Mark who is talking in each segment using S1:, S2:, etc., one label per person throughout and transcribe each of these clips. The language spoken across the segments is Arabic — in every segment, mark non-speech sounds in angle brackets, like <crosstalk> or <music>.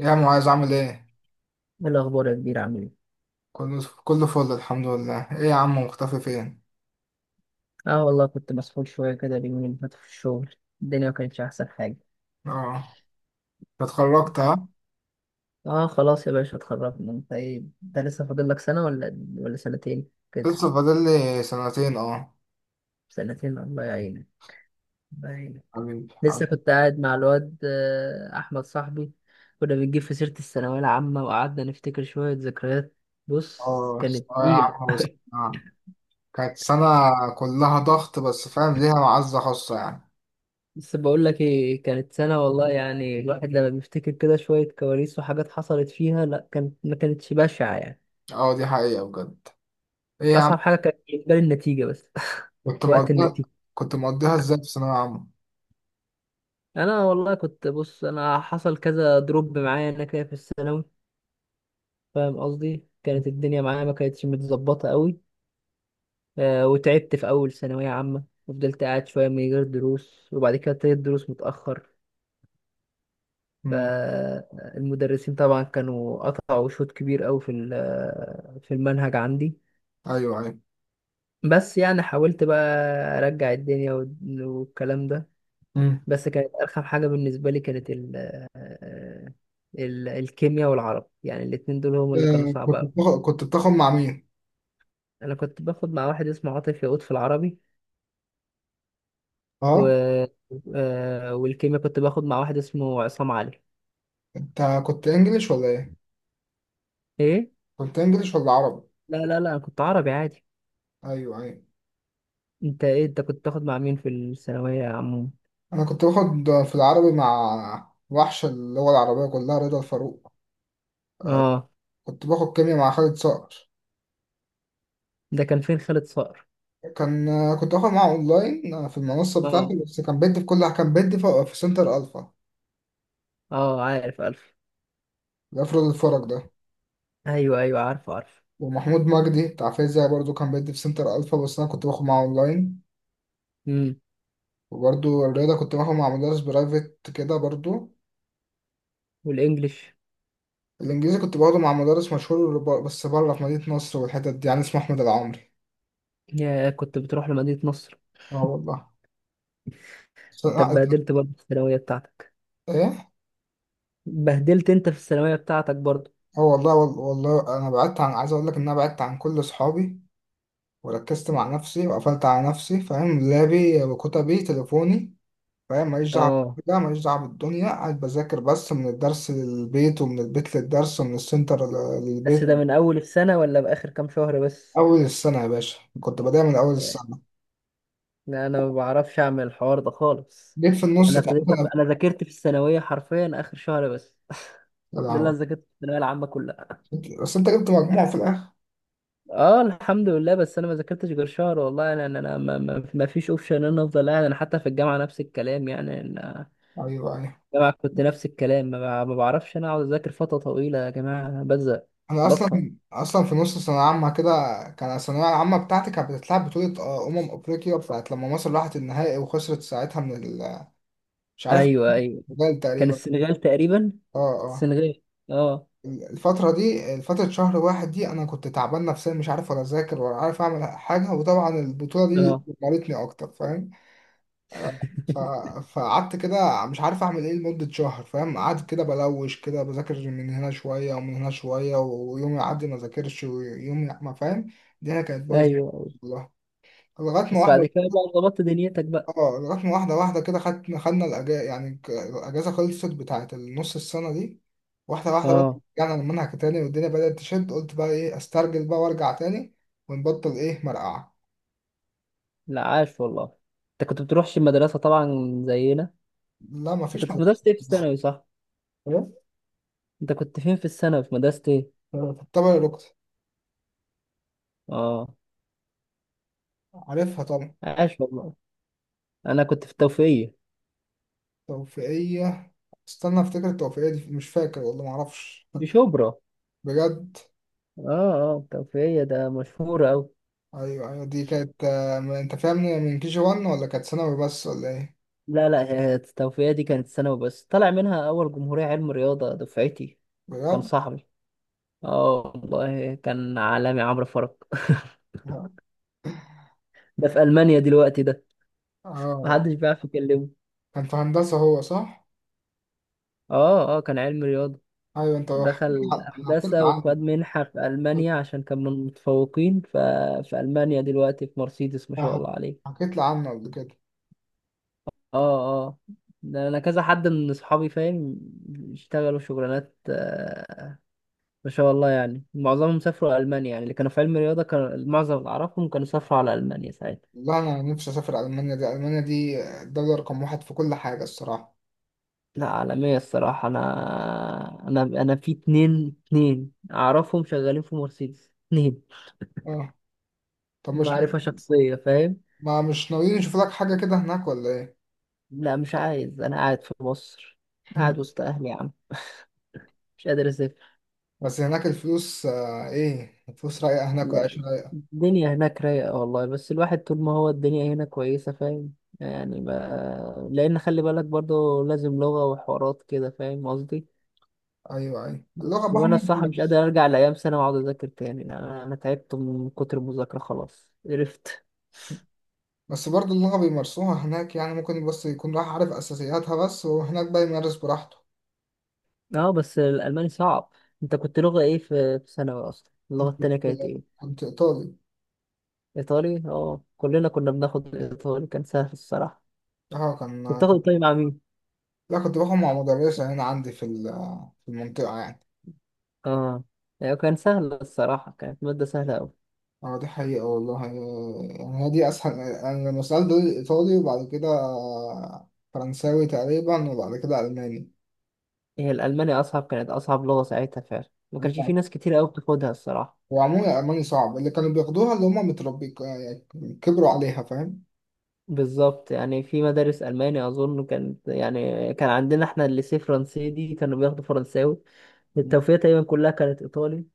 S1: إيه يا معاذ عامل ايه؟
S2: ايه الأخبار يا كبير عامل ايه؟
S1: كله فل الحمد لله، ايه يا عم مختفي فين؟
S2: اه والله كنت مسحول شوية كده اليومين اللي فاتوا في الشغل. الدنيا ما كانتش أحسن حاجة.
S1: اه اتخرجت
S2: لا.
S1: ها؟
S2: اه خلاص يا باشا اتخرجنا، انت ايه، انت لسه فاضل لك سنة ولا سنتين كده؟
S1: لسه فاضل لي سنتين اه.
S2: سنتين، الله يعينك، الله يعينك.
S1: حبيبي
S2: لسه
S1: حبيبي.
S2: كنت قاعد مع الواد أحمد صاحبي. كنا بنجيب في سيرة الثانوية العامة وقعدنا نفتكر شوية ذكريات. بص
S1: اه
S2: كانت
S1: ثانوية
S2: نيلة.
S1: عامة بس
S2: <laughs>
S1: آه. كانت سنة كلها ضغط بس فاهم ليها معزة خاصة يعني.
S2: بس بقول لك ايه، كانت سنة والله، يعني الواحد لما بيفتكر كده شوية كواليس وحاجات حصلت فيها، لا كانت ما كانتش بشعة يعني.
S1: اه دي حقيقة بجد. ايه يا عم
S2: أصعب حاجة كانت بالنسبة لي النتيجة بس. <laughs>
S1: كنت
S2: وقت
S1: مقضيها.
S2: النتيجة.
S1: كنت مقضيها ازاي في ثانوية عامة؟
S2: أنا والله كنت بص، أنا حصل كذا دروب معايا أنا كده في الثانوي، فاهم قصدي؟ كانت الدنيا معايا ما كانتش متظبطة قوي. آه وتعبت في أول ثانوية عامة وفضلت قاعد شوية من غير دروس، وبعد كده ابتديت دروس متأخر.
S1: مم.
S2: فالمدرسين طبعا كانوا قطعوا شوط كبير قوي في ال- آه، في المنهج عندي.
S1: ايوه ايوه.
S2: بس يعني حاولت بقى ارجع الدنيا والكلام ده.
S1: مم.
S2: بس كانت ارخم حاجه بالنسبه لي كانت ال الكيمياء والعربي، يعني الاتنين دول هم اللي كانوا
S1: آه،
S2: صعب
S1: كنت
S2: أوي.
S1: بتاخد كنت بتاخد مع مين؟
S2: انا كنت باخد مع واحد اسمه عاطف يقود في العربي، و...
S1: اه.
S2: آه، والكيمياء كنت باخد مع واحد اسمه عصام علي.
S1: انت كنت انجليش ولا ايه؟
S2: ايه.
S1: كنت انجليش ولا عربي؟
S2: لا انا كنت عربي عادي.
S1: ايوه ايوه.
S2: انت ايه، انت كنت تاخد مع مين في الثانويه يا عمو؟
S1: انا كنت باخد في العربي مع وحش اللغه العربيه كلها رضا الفاروق. آه،
S2: اه.
S1: كنت باخد كيمياء مع خالد صقر.
S2: ده كان فين خالد صقر؟
S1: كان آه، كنت باخد معاه اونلاين آه، في المنصه
S2: اه
S1: بتاعتي بس كان بيدي في سنتر الفا.
S2: اه عارف الف.
S1: الافراد الفرج ده.
S2: ايوه ايوه عارف عارف.
S1: ومحمود مجدي بتاع فيزياء برضو كان بيدي في سنتر الفا بس انا كنت باخد معاه اونلاين.
S2: امم.
S1: وبرضو الرياضه كنت باخد مع مدرس برايفت كده برضو.
S2: والانجليش؟
S1: الانجليزي كنت باخده مع مدرس مشهور بس بره في مدينه نصر والحتت دي يعني اسمه احمد العمري.
S2: يا كنت بتروح لمدينة نصر؟
S1: اه والله. س-
S2: انت
S1: آه،
S2: اتبهدلت برضه في الثانوية بتاعتك؟
S1: ايه.
S2: اتبهدلت انت في الثانوية بتاعتك برضه؟
S1: اه والله والله انا بعدت عن عايز اقول لك ان انا بعدت عن كل اصحابي وركزت مع نفسي وقفلت على نفسي فاهم لابي وكتبي تليفوني فاهم ماليش دعوه.
S2: اه.
S1: ده ماليش دعوه بالدنيا قاعد بذاكر بس من الدرس للبيت ومن البيت للدرس ومن السنتر
S2: بس
S1: للبيت
S2: ده
S1: من.
S2: من اول السنة ولا بآخر كام شهر بس؟
S1: اول السنه يا باشا كنت بدايه من اول
S2: يعني.
S1: السنه.
S2: لا، انا ما بعرفش اعمل الحوار ده خالص.
S1: جيت في النص
S2: انا
S1: تعبت.
S2: انا ذاكرت في الثانوية حرفيا اخر شهر بس. <laughs>
S1: انا
S2: ده اللي
S1: أنا-
S2: انا ذاكرت في الثانوية العامة كلها.
S1: بس انت جبت مجموع في الاخر.
S2: اه الحمد لله، بس انا ما ذاكرتش غير شهر والله. انا انا أنا ما فيش اوبشن ان انا افضل قاعد. انا حتى في الجامعة نفس الكلام، يعني أنا
S1: ايوه ايوه.
S2: الجامعة كنت نفس الكلام، ما بعرفش انا اقعد اذاكر فترة طويلة يا جماعة، بزهق،
S1: انا
S2: بطهق.
S1: اصلا في نص ثانويه عامه كده. كان الثانويه العامه بتاعتي كانت بتتلعب بطوله آه، افريقيا بتاعت لما مصر راحت النهائي وخسرت ساعتها من مش عارف
S2: ايوه ايوه.
S1: البرتغال
S2: كان
S1: تقريبا.
S2: السنغال تقريبا.
S1: اه اه.
S2: السنغال. اه
S1: الفتره دي فتره شهر واحد دي انا كنت تعبان نفسيا مش عارف ولا اذاكر ولا عارف اعمل حاجه وطبعا البطوله دي
S2: اه.
S1: مرتني اكتر فاهم. ف...
S2: <laughs>
S1: فقعدت كده مش عارف اعمل ايه لمدة شهر فاهم قعدت كده بلوش كده بذاكر من هنا شوية ومن هنا شوية ويوم يعدي ما ذاكرش ويوم ما فاهم. الدنيا كانت
S2: ايوه.
S1: بايظة
S2: أيوة.
S1: والله. لغاية ما
S2: بس بعد
S1: واحدة.
S2: كده بقى ظبطت دنيتك بقى؟
S1: اه لغاية ما واحدة واحدة كده خدنا الأجازة يعني الأجازة خلصت بتاعت النص السنة دي. واحدة واحدة بقى.
S2: اه.
S1: رجعنا المنهج تاني والدنيا بدأت تشد قلت بقى ايه استرجل بقى وارجع تاني. ونبطل ايه مرقعة.
S2: لا عاش والله. انت كنت بتروحش المدرسة طبعا زينا؟
S1: لا
S2: انت
S1: مفيش
S2: كنت في
S1: مرقعة.
S2: مدرسة ايه في الثانوي صح؟
S1: إيه؟
S2: انت كنت فين في الثانوي، في مدرسة ايه؟
S1: طبعا الركض.
S2: اه
S1: عارفها طبعا.
S2: عاش والله. انا كنت في التوفيقية،
S1: توفيقية. استنى افتكر التوفيقية دي مش فاكر والله معرفش.
S2: في شبرا.
S1: بجد.
S2: اه اه التوفيقية ده مشهورة اوي.
S1: ايوه ايوه. دي كانت آه، انت فاهمني من كي جي 1 ولا كانت ثانوي بس ولا ايه.
S2: لا لا، هي التوفيقية دي كانت ثانوي بس، طلع منها أول جمهورية علم رياضة دفعتي. كان
S1: بجد.
S2: صاحبي. اه والله كان عالمي، عمرو فرج. <laughs> ده في ألمانيا دلوقتي ده،
S1: اه
S2: محدش بيعرف يكلمه.
S1: كان في هندسة هو صح.
S2: اه اه كان علم رياضة،
S1: ايوه انت حكيت.
S2: دخل
S1: حكيت لي
S2: هندسة
S1: عنه.
S2: وخد منحة في ألمانيا عشان كان من المتفوقين، ففي ألمانيا دلوقتي في مرسيدس ما شاء
S1: ح-
S2: الله عليه.
S1: حكيت لي عنه قبل كده.
S2: اه اه. ده أنا كذا حد من أصحابي فاهم، اشتغلوا شغلانات ما شاء الله، يعني معظمهم سافروا ألمانيا. يعني اللي كانوا في علم الرياضة كان معظم اللي أعرفهم كانوا سافروا على ألمانيا ساعتها.
S1: والله انا نفسي اسافر المانيا دي المانيا دي الدولة رقم واحد في كل حاجة الصراحة.
S2: لا عالمية الصراحة. أنا في اتنين أعرفهم شغالين في مرسيدس، اتنين
S1: اه. طب مش
S2: معرفة شخصية فاهم.
S1: ما مش ناويين نشوف لك حاجة كده هناك ولا ايه.
S2: لا مش عايز، أنا قاعد في مصر، قاعد
S1: <laughs>
S2: وسط أهلي يا عم، مش قادر أسافر.
S1: بس هناك الفلوس آه، ايه الفلوس رايقة هناك
S2: لا
S1: والعيش رايق.
S2: الدنيا هناك رايقة والله، بس الواحد طول ما هو الدنيا هنا كويسة فاهم، يعني ما... لأن خلي بالك برضه لازم لغة وحوارات كده فاهم قصدي.
S1: ايوه ايوه اللغه
S2: بس
S1: بقى
S2: وانا
S1: هم
S2: الصراحه مش
S1: بيمارسوا.
S2: قادر ارجع لايام سنه واقعد اذاكر تاني. أنا تعبت من كتر المذاكره خلاص قرفت.
S1: بس برضه اللغه بيمارسوها هناك يعني ممكن بس يكون راح عارف اساسياتها بس وهناك بقى يمارس براحته.
S2: اه بس الالماني صعب. انت كنت لغه ايه في في ثانوي اصلا؟
S1: أنا
S2: اللغه
S1: كنت
S2: التانيه كانت ايه؟
S1: كنت ايطالي.
S2: ايطالي. اه كلنا كنا بناخد ايطالي، كان سهل الصراحه.
S1: اه كان
S2: كنت تاخد
S1: كان
S2: ايطالي مع مين؟
S1: لا كنت باخد مع مدرسه هنا عندي في في المنطقه يعني.
S2: اه. يعني كان سهل الصراحه، كانت ماده سهله قوي.
S1: اه دي حقيقه والله يعني. هي دي اسهل يعني لما سالت دول ايطالي وبعد كده فرنساوي تقريبا وبعد كده الماني.
S2: هي الالماني اصعب، كانت اصعب لغه ساعتها فعلا، ما كانش في
S1: أيوة.
S2: ناس كتير قوي بتاخدها الصراحه.
S1: وعموما الالماني صعب اللي كانوا بياخدوها اللي هم متربي يعني كبروا عليها فاهم.
S2: بالظبط، يعني في مدارس ألماني أظن كانت، يعني كان عندنا احنا الليسيه فرنسي دي كانوا بياخدوا فرنساوي، التوفيق تقريبا كلها كانت إيطالي.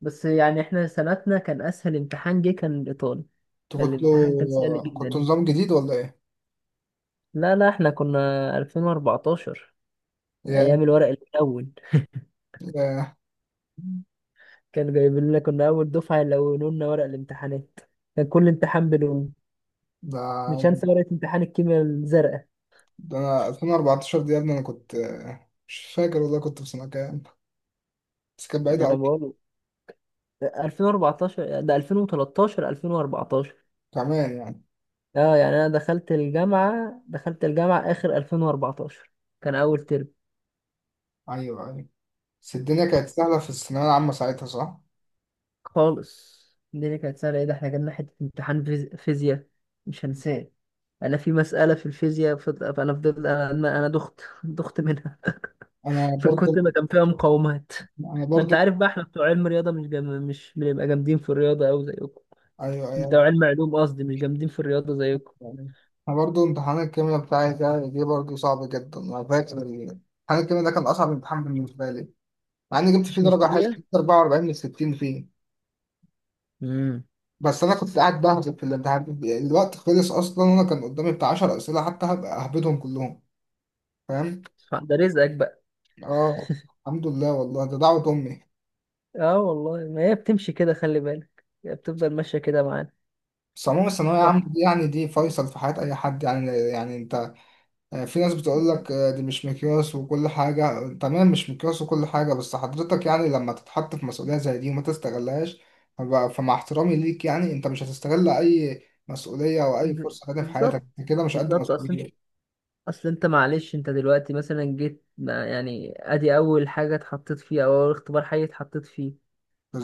S2: بس يعني احنا سنتنا كان أسهل امتحان جه كان الإيطالي،
S1: انتوا
S2: كان الامتحان كان سهل
S1: كنتوا
S2: جدا.
S1: نظام جديد ولا ايه؟
S2: لا احنا كنا 2014،
S1: يا
S2: أيام الورق الأول.
S1: يا
S2: <laughs> كانوا جايبين لنا، كنا أول دفعة يلونوا لنا ورق الامتحانات، كان كل امتحان بلون، مش
S1: ده
S2: هنسى ورقة امتحان الكيمياء الزرقاء.
S1: ده انا 2014 دي يا ابني انا كنت مش فاكر والله كنت في سنة كام. بس كانت بعيدة
S2: أنا
S1: أوي.
S2: بقول 2014، ده 2013 2014.
S1: كمان يعني.
S2: اه يعني انا دخلت الجامعة اخر 2014، كان اول ترم.
S1: أيوه أيوه. بس الدنيا كانت سهلة في الثانوية العامة ساعتها صح؟
S2: خالص. الدنيا كانت سهلة، ايه ده احنا جالنا حتة امتحان فيزياء مش هنساه. انا في مسألة في الفيزياء فض- فانا فضلت، انا دخت، <laughs> دخت منها
S1: أنا
S2: من
S1: برضو
S2: كتر ما كان فيها مقاومات.
S1: أنا
S2: ما انت
S1: برضو
S2: عارف بقى احنا بتوع علم رياضة، مش جم... مش بنبقى جامدين في الرياضة اوي زيكم.
S1: أيوه
S2: بتوع
S1: أيوه.
S2: علم علوم قصدي، مش جامدين في الرياضة زيكم.
S1: يعني أنا برضو امتحان الكيمياء بتاعي ده دي برضو صعب جدا أنا فاكر امتحان الكيمياء ده كان أصعب امتحان بالنسبة لي. مع إني جبت فيه
S2: مش
S1: درجة حلوة
S2: كيمياء.
S1: جبت 44 من 60 فيه.
S2: امم.
S1: بس انا كنت قاعد بهبط في الامتحان الوقت خلص اصلا وانا كان قدامي بتاع 10 اسئله حتى هبقى اهبدهم كلهم فاهم.
S2: ده رزقك بقى.
S1: اه الحمد لله والله ده دعوه امي.
S2: اه والله، ما هي بتمشي كده، خلي بالك هي بتفضل ماشية كده معانا.
S1: بس عموما الثانويه العامه
S2: واحد.
S1: دي يعني دي فيصل في حياه اي حد يعني يعني انت. آه، في ناس بتقول لك آه، دي مش مقياس وكل حاجه تمام مش مقياس وكل حاجه بس حضرتك يعني لما تتحط في مسؤوليه زي دي وما تستغلهاش. فمع احترامي ليك يعني انت مش هتستغل اي مسؤوليه او اي فرصه تانية في حياتك
S2: بالظبط.
S1: كده مش قد
S2: بالظبط اصلا.
S1: مسؤوليه.
S2: اصل انت معلش، انت دلوقتي مثلا جيت، ما يعني ادي اول حاجة اتحطيت فيها او اول اختبار حي اتحطيت فيه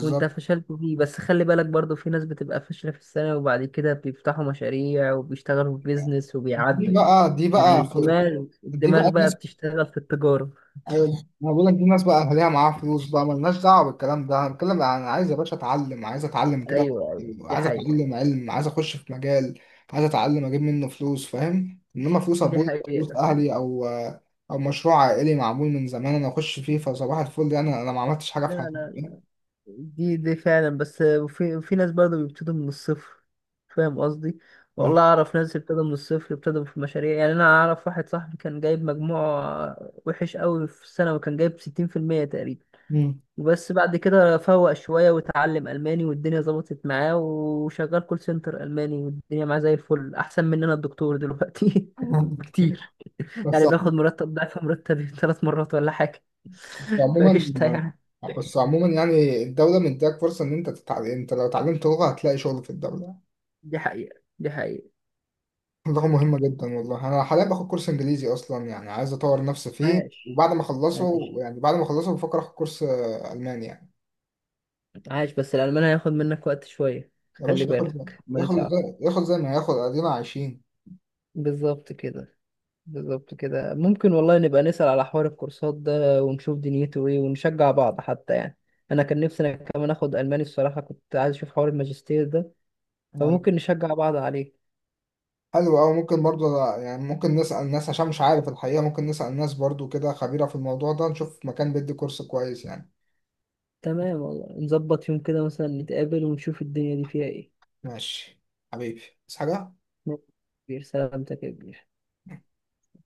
S2: وانت فشلت فيه. بس خلي بالك برضو في ناس بتبقى فاشلة في السنة، وبعد كده بيفتحوا مشاريع وبيشتغلوا في بيزنس
S1: دي
S2: وبيعدوا، يعني
S1: بقى دي
S2: يعني
S1: بقى خ-
S2: الدماغ
S1: دي بقى
S2: الدماغ بقى
S1: الناس.
S2: بتشتغل في التجارة.
S1: أيوة، انا بقول لك دي الناس بقى اهاليها معاها فلوس بقى مالناش دعوه بالكلام ده انا بتكلم انا عايز يا باشا اتعلم عايز اتعلم كده.
S2: ايوه ايوه دي
S1: عايز
S2: حقيقة.
S1: اتعلم علم عايز اخش في مجال. عايز اتعلم اجيب منه فلوس فاهم انما فلوس
S2: دي
S1: ابويا
S2: حقيقة
S1: فلوس
S2: فعلا.
S1: اهلي او. او مشروع عائلي معمول من زمان انا اخش فيه فصباح الفل يعني انا ما عملتش حاجه
S2: لا
S1: في حياتي
S2: لا،
S1: فاهم؟
S2: دي فعلا، بس في ناس برضه بيبتدوا من الصفر فاهم قصدي. والله
S1: ف-
S2: اعرف ناس ابتدوا من الصفر، ابتدوا في مشاريع، يعني انا اعرف واحد صاحبي كان جايب مجموع وحش قوي في السنه، وكان جايب 60% تقريبا،
S1: مم.
S2: وبس بعد كده فوق شويه وتعلم الماني والدنيا ظبطت معاه، وشغال كول سنتر الماني والدنيا معاه زي الفل، احسن مننا الدكتور دلوقتي <laughs> بكتير،
S1: <laughs> بس
S2: يعني بياخد مرتب ضعف مرتبي <laughs> ثلاث مرات ولا حاجه. <laughs>
S1: عموما
S2: فقشطه يعني.
S1: بس عموما يعني الدولة مديك فرصة إن أنت تتعلم أنت لو اتعلمت لغة هتلاقي شغل في الدولة.
S2: دي حقيقه دي حقيقه.
S1: اللغة مهمة جدا والله أنا حاليا باخد كورس إنجليزي أصلا يعني عايز أطور نفسي فيه
S2: عاش
S1: وبعد ما أخلصه
S2: عاش
S1: يعني بعد ما أخلصه بفكر آخد كورس آه، ألماني يعني.
S2: عاش. بس الألمان هياخد منك وقت شوية،
S1: يا
S2: خلي
S1: باشا
S2: بالك الماني صعب.
S1: ياخد زي ما ياخد أدينا عايشين
S2: بالظبط كده. بالظبط كده. ممكن والله نبقى نسأل على حوار الكورسات ده ونشوف دنيته ايه ونشجع بعض حتى يعني. انا كان نفسي انا كمان اخد الماني الصراحة، كنت عايز اشوف حوار الماجستير ده،
S1: يعني.
S2: فممكن نشجع بعض عليه.
S1: حلو أوي ممكن برضه يعني ممكن نسأل ناس عشان مش عارف الحقيقة ممكن نسأل ناس برضه كده خبيرة في الموضوع ده نشوف مكان بيدي كورس كويس يعني.
S2: تمام والله، نظبط يوم كده مثلا نتقابل ونشوف الدنيا دي فيها ايه.
S1: ماشي حبيبي بس حاجة
S2: ماشي يا كبير، سلامتك يا كبير.